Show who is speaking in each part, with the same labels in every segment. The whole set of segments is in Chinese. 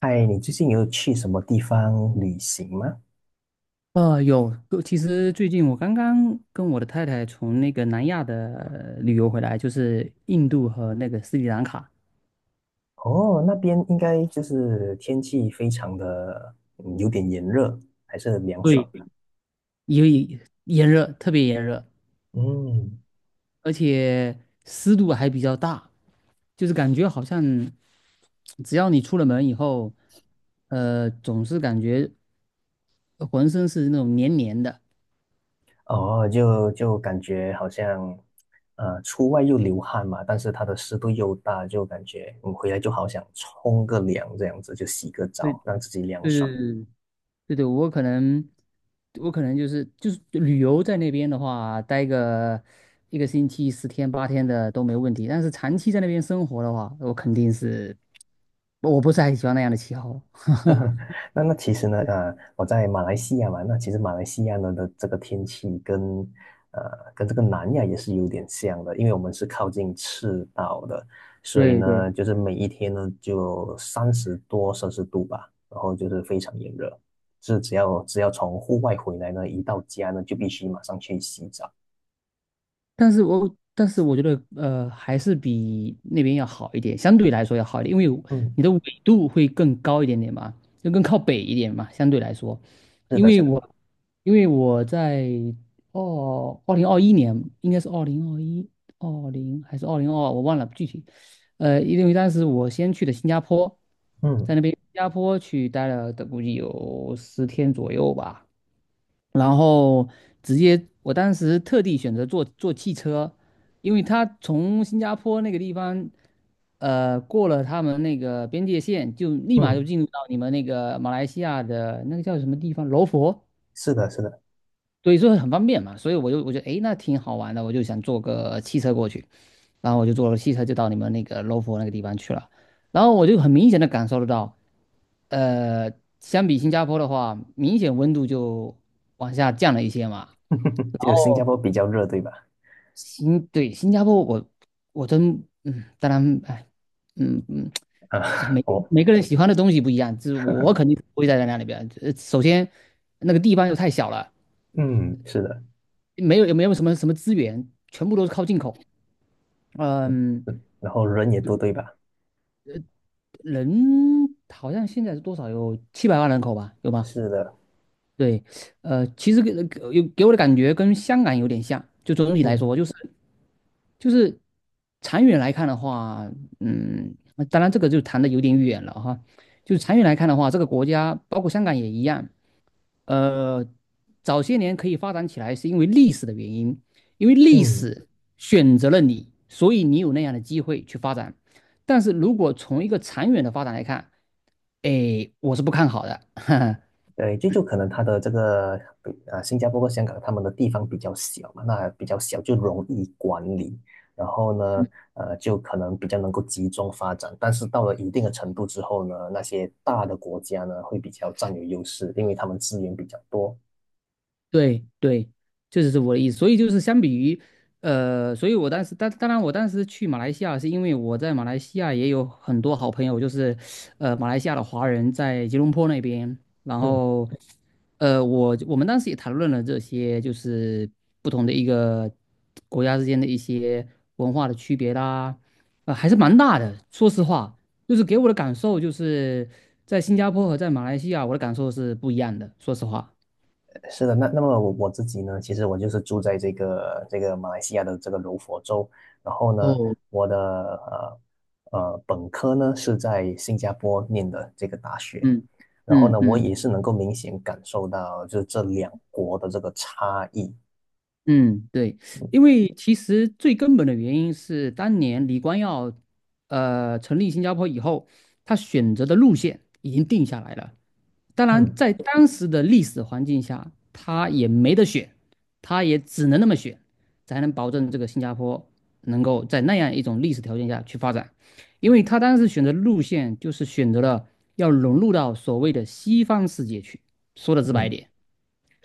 Speaker 1: 嗨，你最近有去什么地方旅行吗？
Speaker 2: 有，其实最近我刚刚跟我的太太从那个南亚的旅游回来，就是印度和那个斯里兰卡，
Speaker 1: 哦，那边应该就是天气非常的，有点炎热，还是很凉爽
Speaker 2: 对，
Speaker 1: 的。
Speaker 2: 因为炎热，特别炎热，
Speaker 1: 嗯。
Speaker 2: 而且湿度还比较大，就是感觉好像只要你出了门以后，总是感觉浑身是那种黏黏的。
Speaker 1: 哦，就感觉好像，出外又流汗嘛，但是它的湿度又大，就感觉你回来就好想冲个凉，这样子就洗个
Speaker 2: 对
Speaker 1: 澡，
Speaker 2: 对
Speaker 1: 让自己凉
Speaker 2: 对
Speaker 1: 爽。
Speaker 2: 对对对，我可能就是旅游在那边的话，待个一个星期、十天八天的都没问题。但是长期在那边生活的话，我肯定是，我不是很喜欢那样的气候。
Speaker 1: 那其实呢，我在马来西亚嘛，那其实马来西亚呢的这个天气跟这个南亚也是有点像的，因为我们是靠近赤道的，所以
Speaker 2: 对对。
Speaker 1: 呢，就是每一天呢就30多摄氏度吧，然后就是非常炎热，是只要从户外回来呢，一到家呢就必须马上去洗澡。
Speaker 2: 但是我觉得还是比那边要好一点，相对来说要好一点，因为
Speaker 1: 嗯，
Speaker 2: 你的纬度会更高一点点嘛，就更靠北一点嘛，相对来说，
Speaker 1: 是
Speaker 2: 因
Speaker 1: 的，
Speaker 2: 为
Speaker 1: 是的。
Speaker 2: 我因为我在哦2021年应该是二零二一还是2022我忘了具体，因为当时我先去的新加坡，在
Speaker 1: 嗯
Speaker 2: 那边新加坡去待了的估计有十天左右吧。然后直接我当时特地选择坐汽车，因为他从新加坡那个地方，过了他们那个边界线，就立马就
Speaker 1: 嗯，
Speaker 2: 进入到你们那个马来西亚的那个叫什么地方，罗佛，
Speaker 1: 是的，是的。
Speaker 2: 所以说很方便嘛，所以我就得诶，那挺好玩的，我就想坐个汽车过去，然后我就坐了汽车就到你们那个罗佛那个地方去了，然后我就很明显的感受得到。呃，相比新加坡的话，明显温度就往下降了一些嘛。
Speaker 1: 就新加坡
Speaker 2: 哦，
Speaker 1: 比较热，对吧？
Speaker 2: 对新加坡我真当然哎，嗯嗯哎，
Speaker 1: 啊，
Speaker 2: 每 个
Speaker 1: 哦。
Speaker 2: 每个人喜欢的东西不一样，就是我肯定不会待在那里边。首先那个地方又太小了，
Speaker 1: 嗯，是的，
Speaker 2: 没有也没有什么什么资源，全部都是靠进口。嗯，
Speaker 1: 然后人也多，对吧？
Speaker 2: 人好像现在是多少有700万人口吧，有吗？
Speaker 1: 是的。
Speaker 2: 对，其实给我的感觉跟香港有点像，就总体来
Speaker 1: 嗯
Speaker 2: 说，就是长远来看的话，嗯，当然这个就谈的有点远了哈。就是长远来看的话，这个国家包括香港也一样，呃，早些年可以发展起来是因为历史的原因，因为历
Speaker 1: 嗯，
Speaker 2: 史选择了你，所以你有那样的机会去发展。但是如果从一个长远的发展来看，哎，我是不看好的。
Speaker 1: 对，就可能它的这个比啊，新加坡和香港他们的地方比较小嘛，那比较小就容易管理，然后呢，就可能比较能够集中发展。但是到了一定的程度之后呢，那些大的国家呢会比较占有优势，因为他们资源比较多。
Speaker 2: 对对，这就是我的意思。所以就是相比于，所以我当时，当然我当时去马来西亚是因为我在马来西亚也有很多好朋友，就是，马来西亚的华人在吉隆坡那边，然
Speaker 1: 嗯。
Speaker 2: 后，我们当时也谈论了这些，就是不同的一个国家之间的一些文化的区别啦，还是蛮大的。说实话，就是给我的感受就是在新加坡和在马来西亚，我的感受是不一样的。说实话。
Speaker 1: 是的，那么我自己呢，其实我就是住在这个马来西亚的这个柔佛州，然后呢，
Speaker 2: 哦，
Speaker 1: 我的本科呢是在新加坡念的这个大学，
Speaker 2: 嗯
Speaker 1: 然后
Speaker 2: 嗯
Speaker 1: 呢，我
Speaker 2: 嗯
Speaker 1: 也是能够明显感受到就是这两国的这个差异。
Speaker 2: 嗯，对，因为其实最根本的原因是，当年李光耀成立新加坡以后，他选择的路线已经定下来了。当然，
Speaker 1: 嗯
Speaker 2: 在当时的历史环境下，他也没得选，他也只能那么选，才能保证这个新加坡能够在那样一种历史条件下去发展。因为他当时选择路线就是选择了要融入到所谓的西方世界去，说的直白一
Speaker 1: 嗯，
Speaker 2: 点。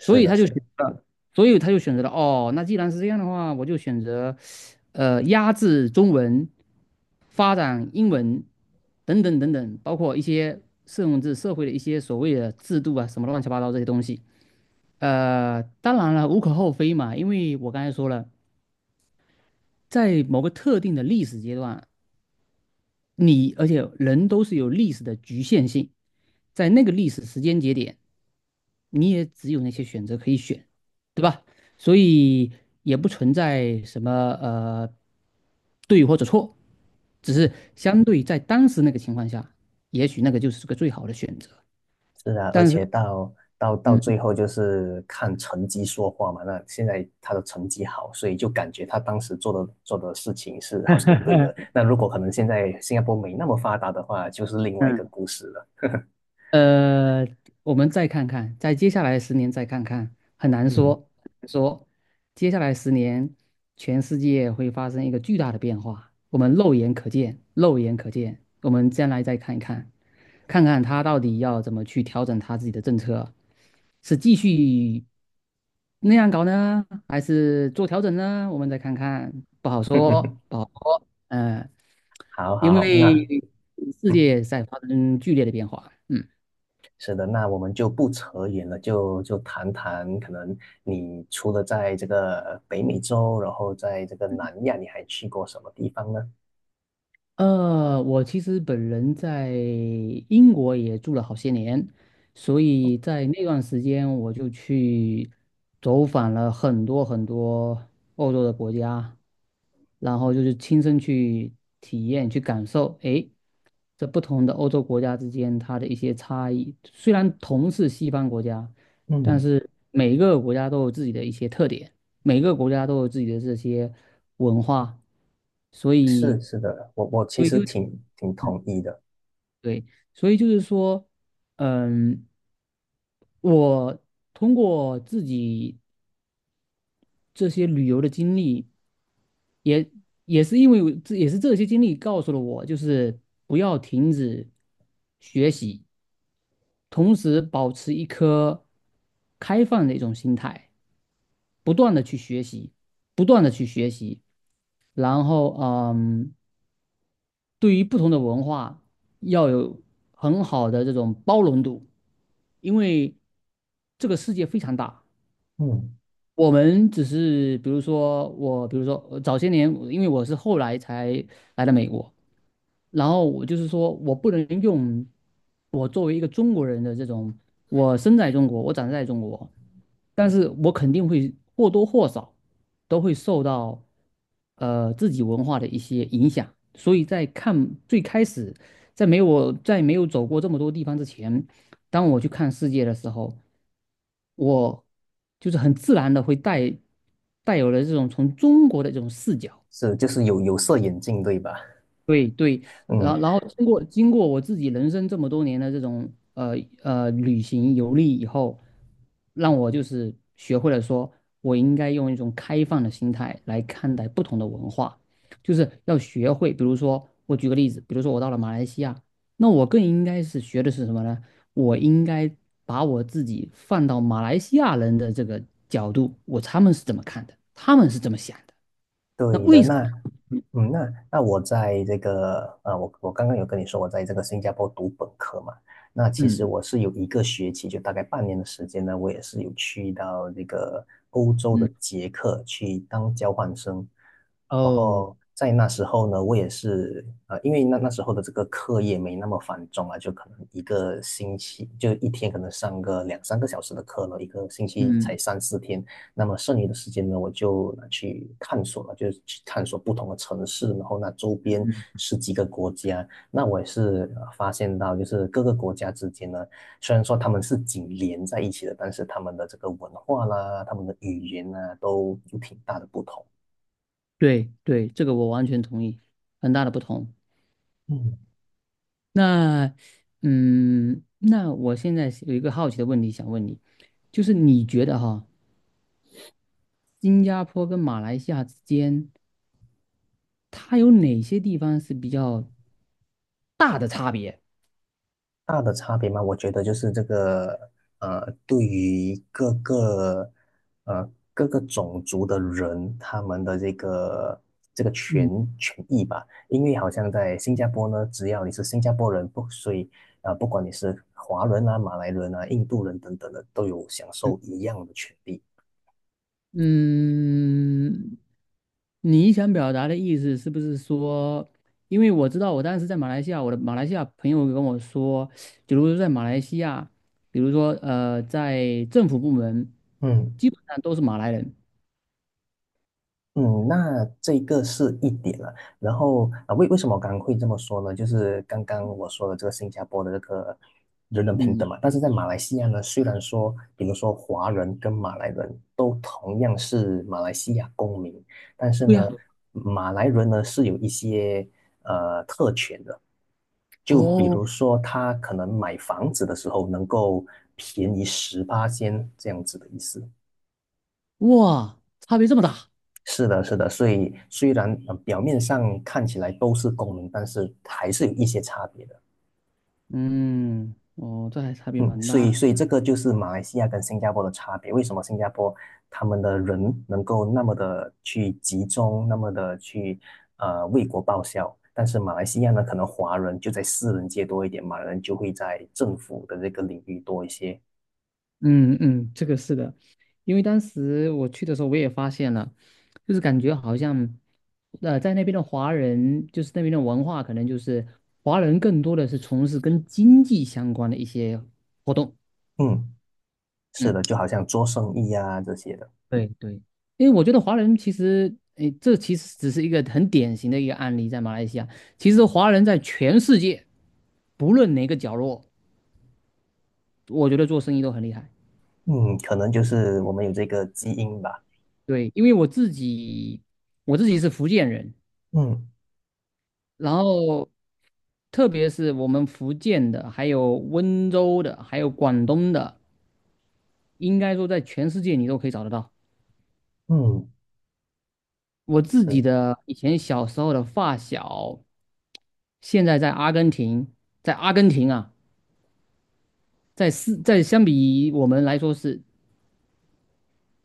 Speaker 2: 所以
Speaker 1: 的，
Speaker 2: 他就
Speaker 1: 是
Speaker 2: 选
Speaker 1: 的。
Speaker 2: 择了所以他就选择了哦，那既然是这样的话，我就选择，压制中文，发展英文，等等等等，包括一些甚至社会的一些所谓的制度啊，什么乱七八糟这些东西。当然了，无可厚非嘛，因为我刚才说了，在某个特定的历史阶段，你而且人都是有历史的局限性，在那个历史时间节点，你也只有那些选择可以选，对吧？所以也不存在什么呃对或者错，只是相对在当时那个情况下，也许那个就是个最好的选择。
Speaker 1: 是啊，而
Speaker 2: 但是，
Speaker 1: 且到
Speaker 2: 嗯
Speaker 1: 最后就是看成绩说话嘛。那现在他的成绩好，所以就感觉他当时做的事情是好像是对的。那如果可能现在新加坡没那么发达的话，就是另外一个
Speaker 2: 嗯。
Speaker 1: 故事了。
Speaker 2: 呃，我们再看看，在接下来十年再看看，很难说，
Speaker 1: 嗯。
Speaker 2: 很难说接下来十年，全世界会发生一个巨大的变化，我们肉眼可见，肉眼可见，我们将来再看一看，看看他到底要怎么去调整他自己的政策，是继续那样搞呢，还是做调整呢？我们再看看，不好说，不好说，嗯、
Speaker 1: 好
Speaker 2: 因
Speaker 1: 好好。那
Speaker 2: 为世
Speaker 1: 嗯，
Speaker 2: 界在发生剧烈的变化，嗯。
Speaker 1: 是的，那我们就不扯远了，就谈谈可能你除了在这个北美洲，然后在这个南亚，你还去过什么地方呢？
Speaker 2: 我其实本人在英国也住了好些年，所以在那段时间我就去走访了很多很多欧洲的国家，然后就是亲身去体验、去感受，诶，这不同的欧洲国家之间它的一些差异。虽然同是西方国家，但
Speaker 1: 嗯，
Speaker 2: 是每一个国家都有自己的一些特点，每个国家都有自己的这些文化，所以，
Speaker 1: 是的，我其
Speaker 2: 所以
Speaker 1: 实
Speaker 2: 就
Speaker 1: 挺同意的。
Speaker 2: 对，所以就是说，嗯，我通过自己这些旅游的经历，也也是因为我这也是这些经历告诉了我，就是不要停止学习，同时保持一颗开放的一种心态。不断的去学习，不断的去学习，然后对于不同的文化要有很好的这种包容度，因为这个世界非常大，
Speaker 1: 嗯，
Speaker 2: 我们只是比如说我，比如说早些年，因为我是后来才来的美国，然后我就是说我不能用我作为一个中国人的这种，我生在中国，我长在中国，但是我肯定会或多或少都会受到自己文化的一些影响，所以在看最开始，在没有我在没有走过这么多地方之前，当我去看世界的时候，我就是很自然的会带有了这种从中国的这种视角。
Speaker 1: 是，就是有色眼镜，对吧？
Speaker 2: 对对，然
Speaker 1: 嗯，
Speaker 2: 后经过我自己人生这么多年的这种旅行游历以后，让我就是学会了说，我应该用一种开放的心态来看待不同的文化，就是要学会，比如说我举个例子，比如说我到了马来西亚，那我更应该是学的是什么呢？我应该把我自己放到马来西亚人的这个角度，他们是怎么看的，他们是怎么想的，那
Speaker 1: 对
Speaker 2: 为
Speaker 1: 的。
Speaker 2: 什
Speaker 1: 那，
Speaker 2: 么？
Speaker 1: 嗯，那我在这个，我刚刚有跟你说，我在这个新加坡读本科嘛，那其
Speaker 2: 嗯
Speaker 1: 实我是有一个学期，就大概半年的时间呢，我也是有去到这个欧洲
Speaker 2: 嗯
Speaker 1: 的捷克去当交换生，然
Speaker 2: 哦。
Speaker 1: 后在那时候呢，我也是，因为那时候的这个课业没那么繁重啊，就可能一个星期，就一天可能上个2、3个小时的课了，一个星期才
Speaker 2: 嗯
Speaker 1: 3、4天。那么剩余的时间呢，我就去探索了，就是去探索不同的城市，然后那周边
Speaker 2: 嗯
Speaker 1: 十几个国家。那我也是发现到，就是各个国家之间呢，虽然说他们是紧连在一起的，但是他们的这个文化啦，他们的语言啊，都有挺大的不同。
Speaker 2: 对对，这个我完全同意，很大的不同。
Speaker 1: 嗯。
Speaker 2: 那，那我现在是有一个好奇的问题想问你，就是你觉得哈，新加坡跟马来西亚之间，它有哪些地方是比较大的差别？
Speaker 1: 大的差别吗？我觉得就是这个，对于各个种族的人，他们的这个权
Speaker 2: 嗯
Speaker 1: 权益吧，因为好像在新加坡呢，只要你是新加坡人，不，所以啊，不管你是华人啊、马来人啊、印度人等等的，都有享
Speaker 2: 嗯，
Speaker 1: 受一样的权利。
Speaker 2: 嗯你想表达的意思是不是说，因为我知道我当时在马来西亚，我的马来西亚朋友跟我说，比如说在马来西亚，比如说在政府部门，
Speaker 1: 嗯。
Speaker 2: 基本上都是马来人。
Speaker 1: 嗯，那这个是一点了。然后啊，为什么我刚刚会这么说呢？就是刚刚我说的这个新加坡的这个人人平等
Speaker 2: 嗯，
Speaker 1: 嘛，但是在马来西亚呢，虽然说，比如说华人跟马来人都同样是马来西亚公民，但是
Speaker 2: 对呀。
Speaker 1: 呢，马来人呢是有一些特权的，就比
Speaker 2: 哦，
Speaker 1: 如说他可能买房子的时候能够便宜18,000这样子的意思。
Speaker 2: 哇，差别这么大。
Speaker 1: 是的，是的，所以虽然表面上看起来都是公民，但是还是有一些差别的。
Speaker 2: 嗯，哦，这还差别
Speaker 1: 嗯，
Speaker 2: 蛮
Speaker 1: 所以
Speaker 2: 大。
Speaker 1: 所以这个就是马来西亚跟新加坡的差别。为什么新加坡他们的人能够那么的去集中，那么的去为国报效？但是马来西亚呢，可能华人就在私人界多一点，马来人就会在政府的这个领域多一些。
Speaker 2: 嗯嗯，这个是的，因为当时我去的时候，我也发现了，就是感觉好像，在那边的华人，就是那边的文化，可能就是华人更多的是从事跟经济相关的一些活动。
Speaker 1: 嗯，是
Speaker 2: 嗯，
Speaker 1: 的，就好像做生意啊这些的。
Speaker 2: 对对，因为我觉得华人其实，诶，这其实只是一个很典型的一个案例，在马来西亚，其实华人在全世界，不论哪个角落，我觉得做生意都很厉害。
Speaker 1: 嗯，可能就是我们有这个基因吧。
Speaker 2: 对，因为我自己，是福建人，
Speaker 1: 嗯
Speaker 2: 然后特别是我们福建的，还有温州的，还有广东的，应该说在全世界你都可以找得到。
Speaker 1: 嗯。
Speaker 2: 我自己
Speaker 1: 嗯
Speaker 2: 的以前小时候的发小，现在在阿根廷，在阿根廷啊，是在相比我们来说是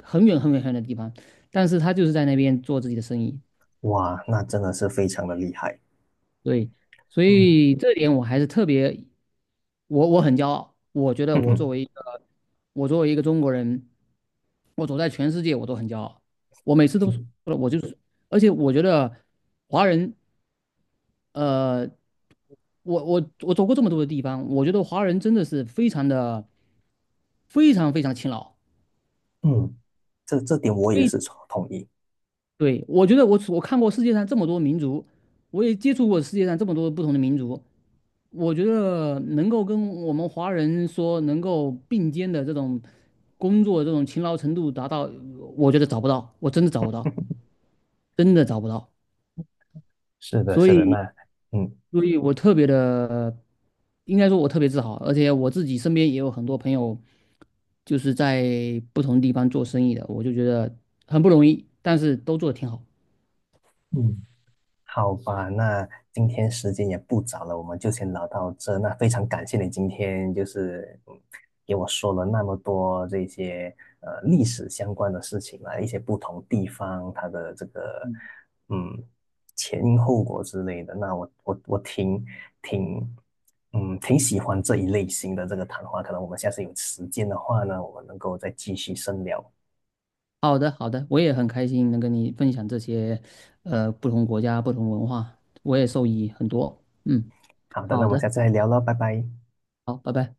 Speaker 2: 很远很远很远的地方，但是他就是在那边做自己的生意，
Speaker 1: 哇，那真的是非常的厉害。
Speaker 2: 对，所
Speaker 1: 嗯
Speaker 2: 以这点我还是特别。我很骄傲，我觉 得
Speaker 1: 嗯
Speaker 2: 我作
Speaker 1: 哼。
Speaker 2: 为一个我作为一个中国人，我走在全世界我都很骄傲。我每次都说
Speaker 1: 嗯。
Speaker 2: 了，我就是，而且我觉得华人，呃，我走过这么多的地方，我觉得华人真的是非常的非常非常勤劳。
Speaker 1: 嗯，这点我也是同意。
Speaker 2: 对，我觉得我看过世界上这么多民族，我也接触过世界上这么多不同的民族，我觉得能够跟我们华人说能够并肩的这种工作这种勤劳程度达到，我觉得找不到，我真的找不到，真的找不到。
Speaker 1: 是的，
Speaker 2: 所
Speaker 1: 是的，
Speaker 2: 以，
Speaker 1: 那嗯。
Speaker 2: 我特别的，应该说我特别自豪，而且我自己身边也有很多朋友就是在不同地方做生意的，我就觉得很不容易，但是都做得挺好。
Speaker 1: 嗯好吧，那今天时间也不早了，我们就先聊到这。那非常感谢你今天就是给我说了那么多这些历史相关的事情啊，一些不同地方它的这个嗯前因后果之类的。那我挺挺喜欢这一类型的这个谈话，可能我们下次有时间的话呢，我们能够再继续深聊。
Speaker 2: 好的，好的，我也很开心能跟你分享这些，不同国家、不同文化，我也受益很多。嗯，
Speaker 1: 好的，那
Speaker 2: 好
Speaker 1: 我们
Speaker 2: 的，
Speaker 1: 下次再聊了，拜拜。
Speaker 2: 好，拜拜。